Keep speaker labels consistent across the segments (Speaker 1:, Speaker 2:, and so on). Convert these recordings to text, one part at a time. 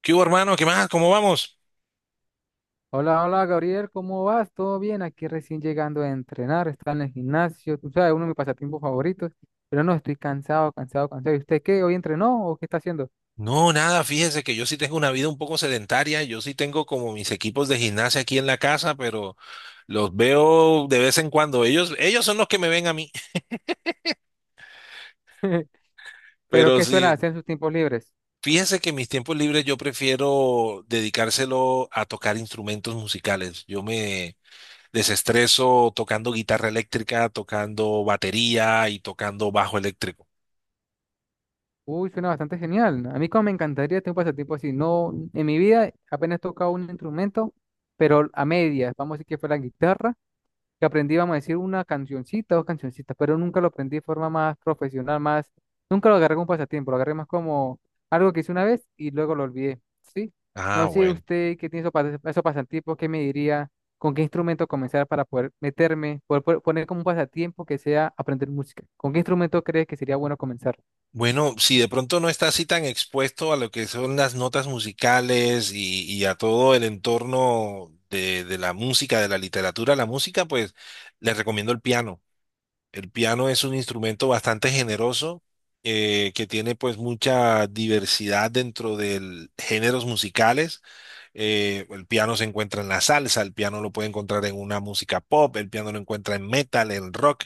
Speaker 1: ¿Qué hubo, hermano? ¿Qué más? ¿Cómo vamos?
Speaker 2: Hola, hola Gabriel, ¿cómo vas? ¿Todo bien? Aquí recién llegando a entrenar, está en el gimnasio, tú sabes, uno de mis pasatiempos favoritos, pero no, estoy cansado, cansado, cansado. ¿Y usted qué? ¿Hoy entrenó o qué está haciendo?
Speaker 1: No, nada, fíjese que yo sí tengo una vida un poco sedentaria, yo sí tengo como mis equipos de gimnasia aquí en la casa, pero los veo de vez en cuando. Ellos son los que me ven a mí.
Speaker 2: ¿Pero
Speaker 1: Pero
Speaker 2: qué suele
Speaker 1: sí,
Speaker 2: hacer en sus tiempos libres?
Speaker 1: fíjese que mis tiempos libres yo prefiero dedicárselo a tocar instrumentos musicales. Yo me desestreso tocando guitarra eléctrica, tocando batería y tocando bajo eléctrico.
Speaker 2: Uy, suena bastante genial. A mí como me encantaría tener un pasatiempo así. No, en mi vida apenas he tocado un instrumento, pero a medias, vamos a decir que fue la guitarra que aprendí, vamos a decir, una cancioncita, dos cancioncitas, pero nunca lo aprendí de forma más profesional, más, nunca lo agarré como pasatiempo, lo agarré más como algo que hice una vez y luego lo olvidé, ¿sí?
Speaker 1: Ah,
Speaker 2: No sé
Speaker 1: bueno.
Speaker 2: usted qué tiene esos pasatiempos, qué me diría, con qué instrumento comenzar para poder meterme, poner como un pasatiempo que sea aprender música. ¿Con qué instrumento crees que sería bueno comenzar?
Speaker 1: Bueno, si de pronto no estás así tan expuesto a lo que son las notas musicales y a todo el entorno de la música, de la literatura, la música, pues les recomiendo el piano. El piano es un instrumento bastante generoso, que tiene pues mucha diversidad dentro de géneros musicales. El piano se encuentra en la salsa, el piano lo puede encontrar en una música pop, el piano lo encuentra en metal, en rock,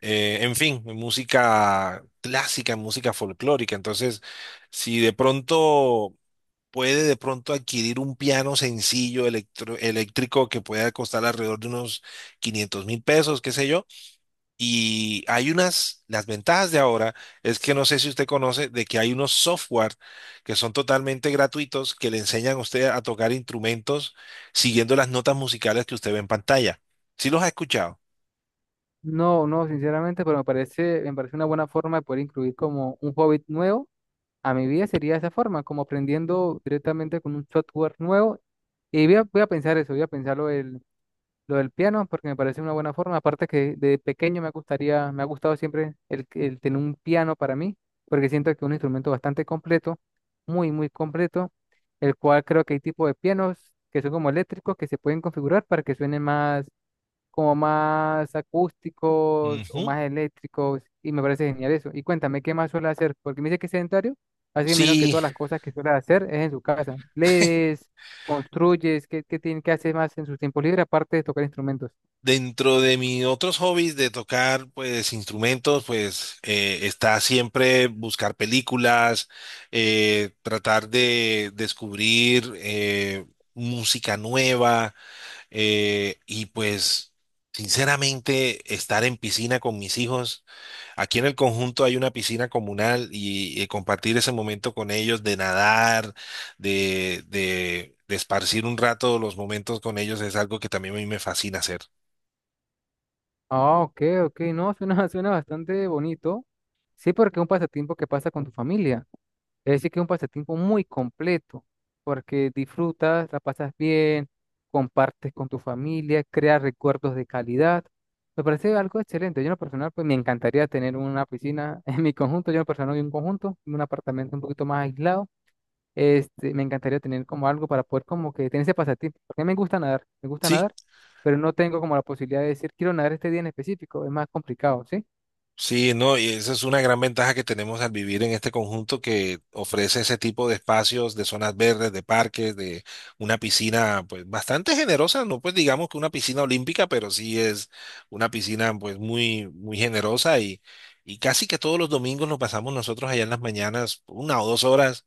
Speaker 1: en fin, en música clásica, en música folclórica. Entonces, si de pronto puede de pronto adquirir un piano sencillo eléctrico que pueda costar alrededor de unos 500 mil pesos, qué sé yo, y hay unas, las ventajas de ahora es que no sé si usted conoce de que hay unos software que son totalmente gratuitos que le enseñan a usted a tocar instrumentos siguiendo las notas musicales que usted ve en pantalla. ¿Sí los ha escuchado?
Speaker 2: No, no, sinceramente, pero me parece una buena forma de poder incluir como un hobby nuevo a mi vida sería de esa forma, como aprendiendo directamente con un software nuevo. Y voy a pensar eso, voy a pensar lo del piano, porque me parece una buena forma. Aparte que de pequeño me gustaría, me ha gustado siempre el tener un piano para mí, porque siento que es un instrumento bastante completo, muy, muy completo, el cual creo que hay tipos de pianos que son como eléctricos, que se pueden configurar para que suenen más como más acústicos o
Speaker 1: Ujú.
Speaker 2: más eléctricos y me parece genial eso. Y cuéntame, ¿qué más suele hacer? Porque me dice que es sedentario, así que menos que
Speaker 1: Sí,
Speaker 2: todas las cosas que suele hacer es en su casa. ¿Lees, construyes, qué, qué tiene que hacer más en su tiempo libre aparte de tocar instrumentos?
Speaker 1: dentro de mis otros hobbies de tocar pues instrumentos, pues, está siempre buscar películas, tratar de descubrir, música nueva. Y pues, sinceramente, estar en piscina con mis hijos, aquí en el conjunto hay una piscina comunal y compartir ese momento con ellos de nadar, de esparcir un rato los momentos con ellos es algo que también a mí me fascina hacer.
Speaker 2: Ah, ok, ok, no, suena, suena bastante bonito. Sí, porque es un pasatiempo que pasa con tu familia. Es decir, que es un pasatiempo muy completo, porque disfrutas, la pasas bien, compartes con tu familia, creas recuerdos de calidad. Me parece algo excelente. Yo en lo personal, pues me encantaría tener una piscina en mi conjunto. Yo en lo personal vivo en un conjunto, en un apartamento un poquito más aislado. Este, me encantaría tener como algo para poder como que tener ese pasatiempo. Porque a mí me gusta
Speaker 1: Sí.
Speaker 2: nadar, pero no tengo como la posibilidad de decir, quiero nadar este día en específico. Es más complicado, ¿sí?
Speaker 1: Sí, no, y esa es una gran ventaja que tenemos al vivir en este conjunto que ofrece ese tipo de espacios, de zonas verdes, de parques, de una piscina, pues bastante generosa, no pues digamos que una piscina olímpica, pero sí es una piscina pues muy, muy generosa y casi que todos los domingos nos pasamos nosotros allá en las mañanas una o dos horas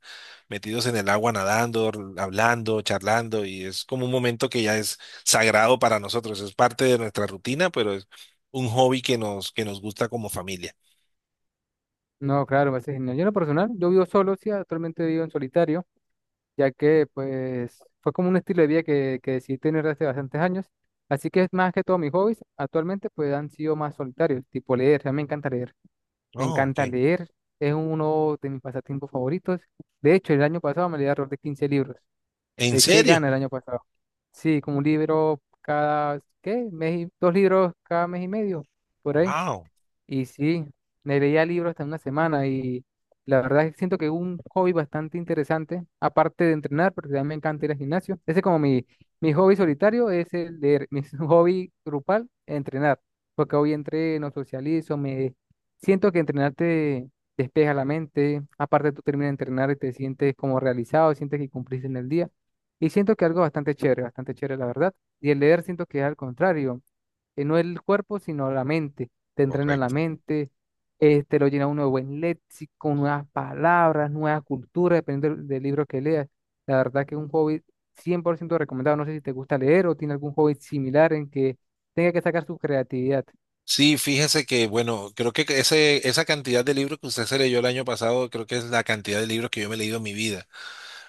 Speaker 1: metidos en el agua nadando, hablando, charlando y es como un momento que ya es sagrado para nosotros, es parte de nuestra rutina, pero un hobby que nos gusta como familia.
Speaker 2: No, claro, me parece genial. Yo en lo personal, yo vivo solo, sí, actualmente vivo en solitario ya que pues fue como un estilo de vida que decidí tener desde bastantes años. Así que es más que todo mis hobbies actualmente pues han sido más solitarios, tipo leer, a mí me
Speaker 1: No, ok.
Speaker 2: encanta leer, es uno de mis pasatiempos favoritos. De hecho, el año pasado me leí alrededor de 15 libros,
Speaker 1: ¿En
Speaker 2: le eché
Speaker 1: serio?
Speaker 2: ganas el año pasado. Sí, como un libro cada, ¿qué? Dos libros cada mes y medio, por ahí.
Speaker 1: Wow.
Speaker 2: Y sí, me leía libros hasta una semana y la verdad es que siento que es un hobby bastante interesante, aparte de entrenar, porque también me encanta ir al gimnasio. Ese es como mi hobby solitario, es el leer. Mi hobby grupal, entrenar, porque hoy entreno, socializo, me siento que entrenar te despeja la mente, aparte tú terminas de entrenar y te sientes como realizado, sientes que cumpliste en el día. Y siento que algo bastante chévere, la verdad. Y el leer siento que es al contrario no el cuerpo, sino la mente. Te entrena la
Speaker 1: Correcto.
Speaker 2: mente, este, lo llena uno de buen léxico, nuevas palabras, nuevas culturas, dependiendo del libro que leas. La verdad que es un hobby 100% recomendado. No sé si te gusta leer o tiene algún hobby similar en que tenga que sacar su creatividad.
Speaker 1: Sí, fíjese que, bueno, creo que ese, esa cantidad de libros que usted se leyó el año pasado, creo que es la cantidad de libros que yo me he leído en mi vida.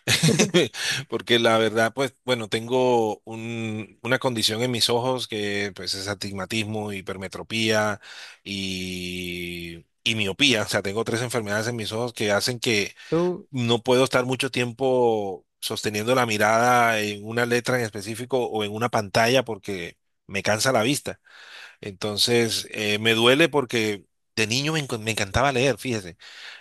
Speaker 1: Porque la verdad, pues, bueno, tengo una condición en mis ojos que, pues, es astigmatismo, hipermetropía y miopía. O sea, tengo tres enfermedades en mis ojos que hacen que
Speaker 2: Tú,
Speaker 1: no puedo estar mucho tiempo sosteniendo la mirada en una letra en específico o en una pantalla porque me cansa la vista. Entonces, me duele porque de niño me encantaba leer, fíjese.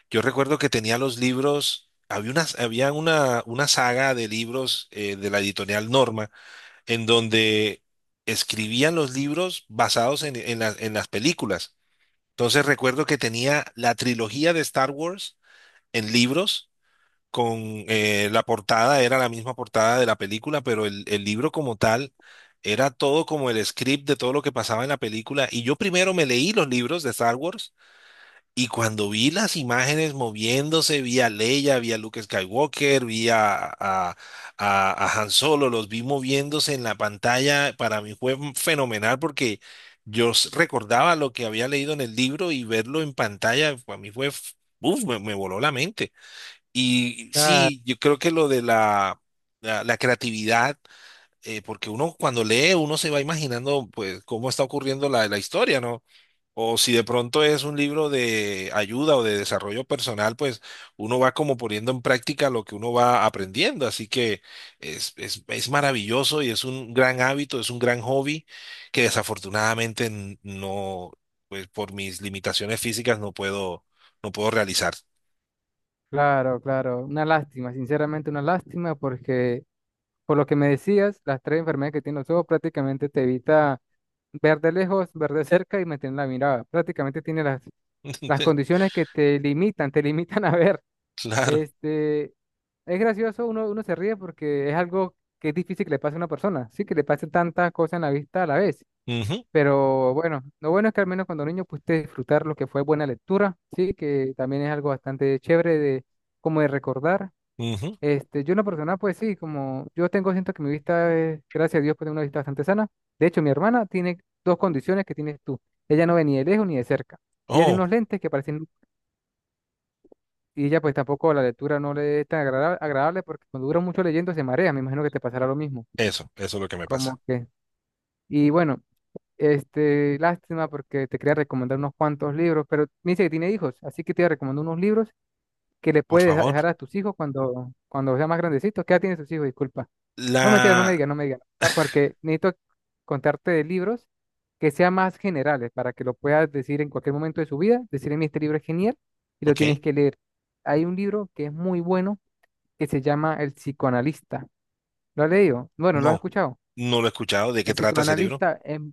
Speaker 1: Yo recuerdo que tenía los libros, había una, había una saga de libros, de la editorial Norma en donde escribían los libros basados en las películas. Entonces recuerdo que tenía la trilogía de Star Wars en libros con, la portada, era la misma portada de la película, pero el libro como tal era todo como el script de todo lo que pasaba en la película. Y yo primero me leí los libros de Star Wars y cuando vi las imágenes moviéndose, vi a Leia, vi a Luke Skywalker, vi a Han Solo, los vi moviéndose en la pantalla, para mí fue fenomenal porque... Recordaba lo que había leído en el libro y verlo en pantalla, para mí fue, uf, me voló la mente. Y
Speaker 2: ah,
Speaker 1: sí, yo creo que lo de la, la, creatividad, porque uno cuando lee, uno se va imaginando pues cómo está ocurriendo la, la historia, ¿no? O si de pronto es un libro de ayuda o de desarrollo personal, pues uno va como poniendo en práctica lo que uno va aprendiendo. Así que es, es, maravilloso y es un gran hábito, es un gran hobby que desafortunadamente no, pues por mis limitaciones físicas no puedo realizar.
Speaker 2: claro, claro, una lástima, sinceramente una lástima porque por lo que me decías, las tres enfermedades que tiene los ojos prácticamente te evita ver de lejos, ver de cerca y mantener la mirada. Prácticamente tiene las condiciones que te limitan, te limitan a ver.
Speaker 1: Claro.
Speaker 2: Este, es gracioso, uno se ríe porque es algo que es difícil que le pase a una persona, sí, que le pase tantas cosas en la vista a la vez.
Speaker 1: Ujú.
Speaker 2: Pero bueno, lo bueno es que al menos cuando niño pudiste disfrutar lo que fue buena lectura, sí, que también es algo bastante chévere de, como de recordar.
Speaker 1: Ujú.
Speaker 2: Este, yo una persona, pues sí, como yo tengo, siento que mi vista es, gracias a Dios, pues tengo una vista bastante sana. De hecho, mi hermana tiene dos condiciones que tienes tú. Ella no ve ni de lejos ni de cerca. Ella tiene
Speaker 1: Oh,
Speaker 2: unos lentes que parecen. Y ella pues tampoco la lectura no le es tan agradable porque cuando dura mucho leyendo se marea, me imagino que te pasará lo mismo.
Speaker 1: eso es lo que me pasa.
Speaker 2: Como que, y bueno, este, lástima porque te quería recomendar unos cuantos libros, pero me dice que tiene hijos, así que te recomiendo unos libros que le
Speaker 1: Por
Speaker 2: puedes
Speaker 1: favor.
Speaker 2: dejar a tus hijos cuando sea más grandecitos. ¿Qué edad tienen sus hijos? Disculpa. No, mentira, no me
Speaker 1: La...
Speaker 2: digas, no me digas, porque necesito contarte de libros que sean más generales para que lo puedas decir en cualquier momento de su vida, decirle, mi este libro es genial y lo
Speaker 1: Ok,
Speaker 2: tienes que leer. Hay un libro que es muy bueno que se llama El psicoanalista. ¿Lo has leído? Bueno, ¿lo has
Speaker 1: no,
Speaker 2: escuchado?
Speaker 1: no lo he escuchado. ¿De qué
Speaker 2: El
Speaker 1: trata ese libro?
Speaker 2: psicoanalista,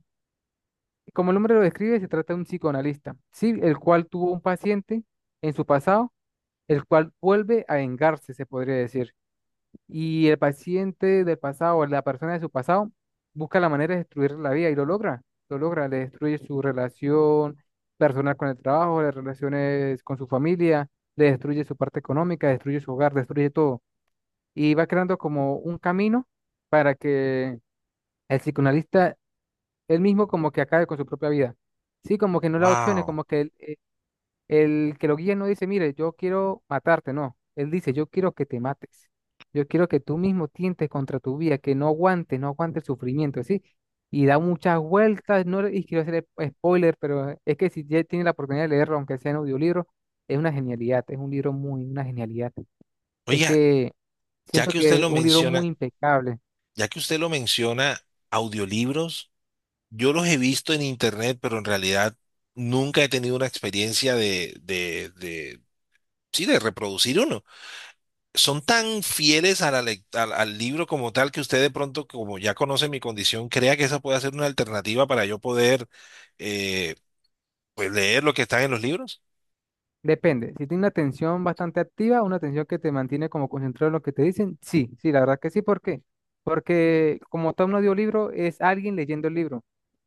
Speaker 2: como el nombre lo describe, se trata de un psicoanalista, sí, el cual tuvo un paciente en su pasado, el cual vuelve a vengarse, se podría decir. Y el paciente del pasado, o la persona de su pasado, busca la manera de destruir la vida y lo logra. Lo logra, le destruye su relación personal con el trabajo, las relaciones con su familia, le destruye su parte económica, destruye su hogar, destruye todo, y va creando como un camino para que el psicoanalista él mismo como que acabe con su propia vida. Sí, como que no le da opciones,
Speaker 1: Wow.
Speaker 2: como que el que lo guía no dice, mire, yo quiero matarte, no. Él dice, yo quiero que te mates. Yo quiero que tú mismo tientes contra tu vida, que no aguantes, no aguantes el sufrimiento, ¿sí? Y da muchas vueltas, no, y quiero hacer spoiler, pero es que si ya tiene la oportunidad de leerlo, aunque sea en audiolibro, es una genialidad, es un libro muy, una genialidad. Es
Speaker 1: Oiga,
Speaker 2: que
Speaker 1: ya
Speaker 2: siento
Speaker 1: que usted
Speaker 2: que es
Speaker 1: lo
Speaker 2: un libro muy
Speaker 1: menciona,
Speaker 2: impecable.
Speaker 1: ya que usted lo menciona, audiolibros, yo los he visto en internet, pero en realidad nunca he tenido una experiencia de, sí, de reproducir uno. Son tan fieles a la al, al libro como tal que usted de pronto, como ya conoce mi condición, crea que esa puede ser una alternativa para yo poder, eh, pues leer lo que está en los libros.
Speaker 2: Depende. Si tiene una atención bastante activa, una atención que te mantiene como concentrado en lo que te dicen, sí, sí, la verdad que sí. ¿Por qué? Porque como tal un audiolibro es alguien leyendo el libro,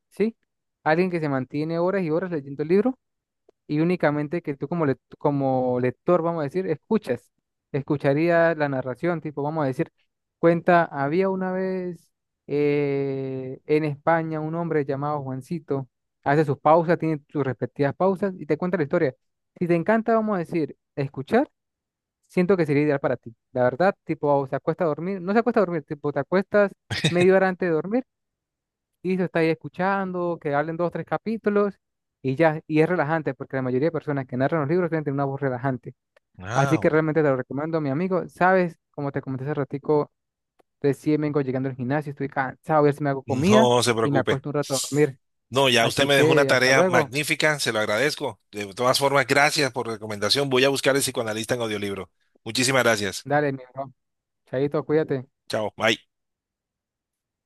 Speaker 2: ¿sí? Alguien que se mantiene horas y horas leyendo el libro, y únicamente que tú como lector, vamos a decir, escuchas, escucharías la narración, tipo, vamos a decir, cuenta, había una vez en España un hombre llamado Juancito, hace sus pausas, tiene sus respectivas pausas y te cuenta la historia. Si te encanta, vamos a decir, escuchar, siento que sería ideal para ti. La verdad, tipo, se acuesta a dormir, no se acuesta a dormir, tipo, te acuestas media hora antes de dormir y se está ahí escuchando, que hablen dos o tres capítulos y ya, y es relajante porque la mayoría de personas que narran los libros tienen una voz relajante. Así que
Speaker 1: Ah,
Speaker 2: realmente te lo recomiendo, mi amigo. Sabes, como te comenté hace ratico, recién vengo llegando al gimnasio, estoy cansado, voy a ver si me hago comida
Speaker 1: no se
Speaker 2: y me
Speaker 1: preocupe.
Speaker 2: acuesto un rato a dormir.
Speaker 1: No, ya usted
Speaker 2: Así
Speaker 1: me dejó una
Speaker 2: que hasta
Speaker 1: tarea
Speaker 2: luego.
Speaker 1: magnífica, se lo agradezco. De todas formas, gracias por recomendación. Voy a buscar El psicoanalista en audiolibro. Muchísimas gracias.
Speaker 2: Dale, mi bro. Chaito, cuídate.
Speaker 1: Chao, bye.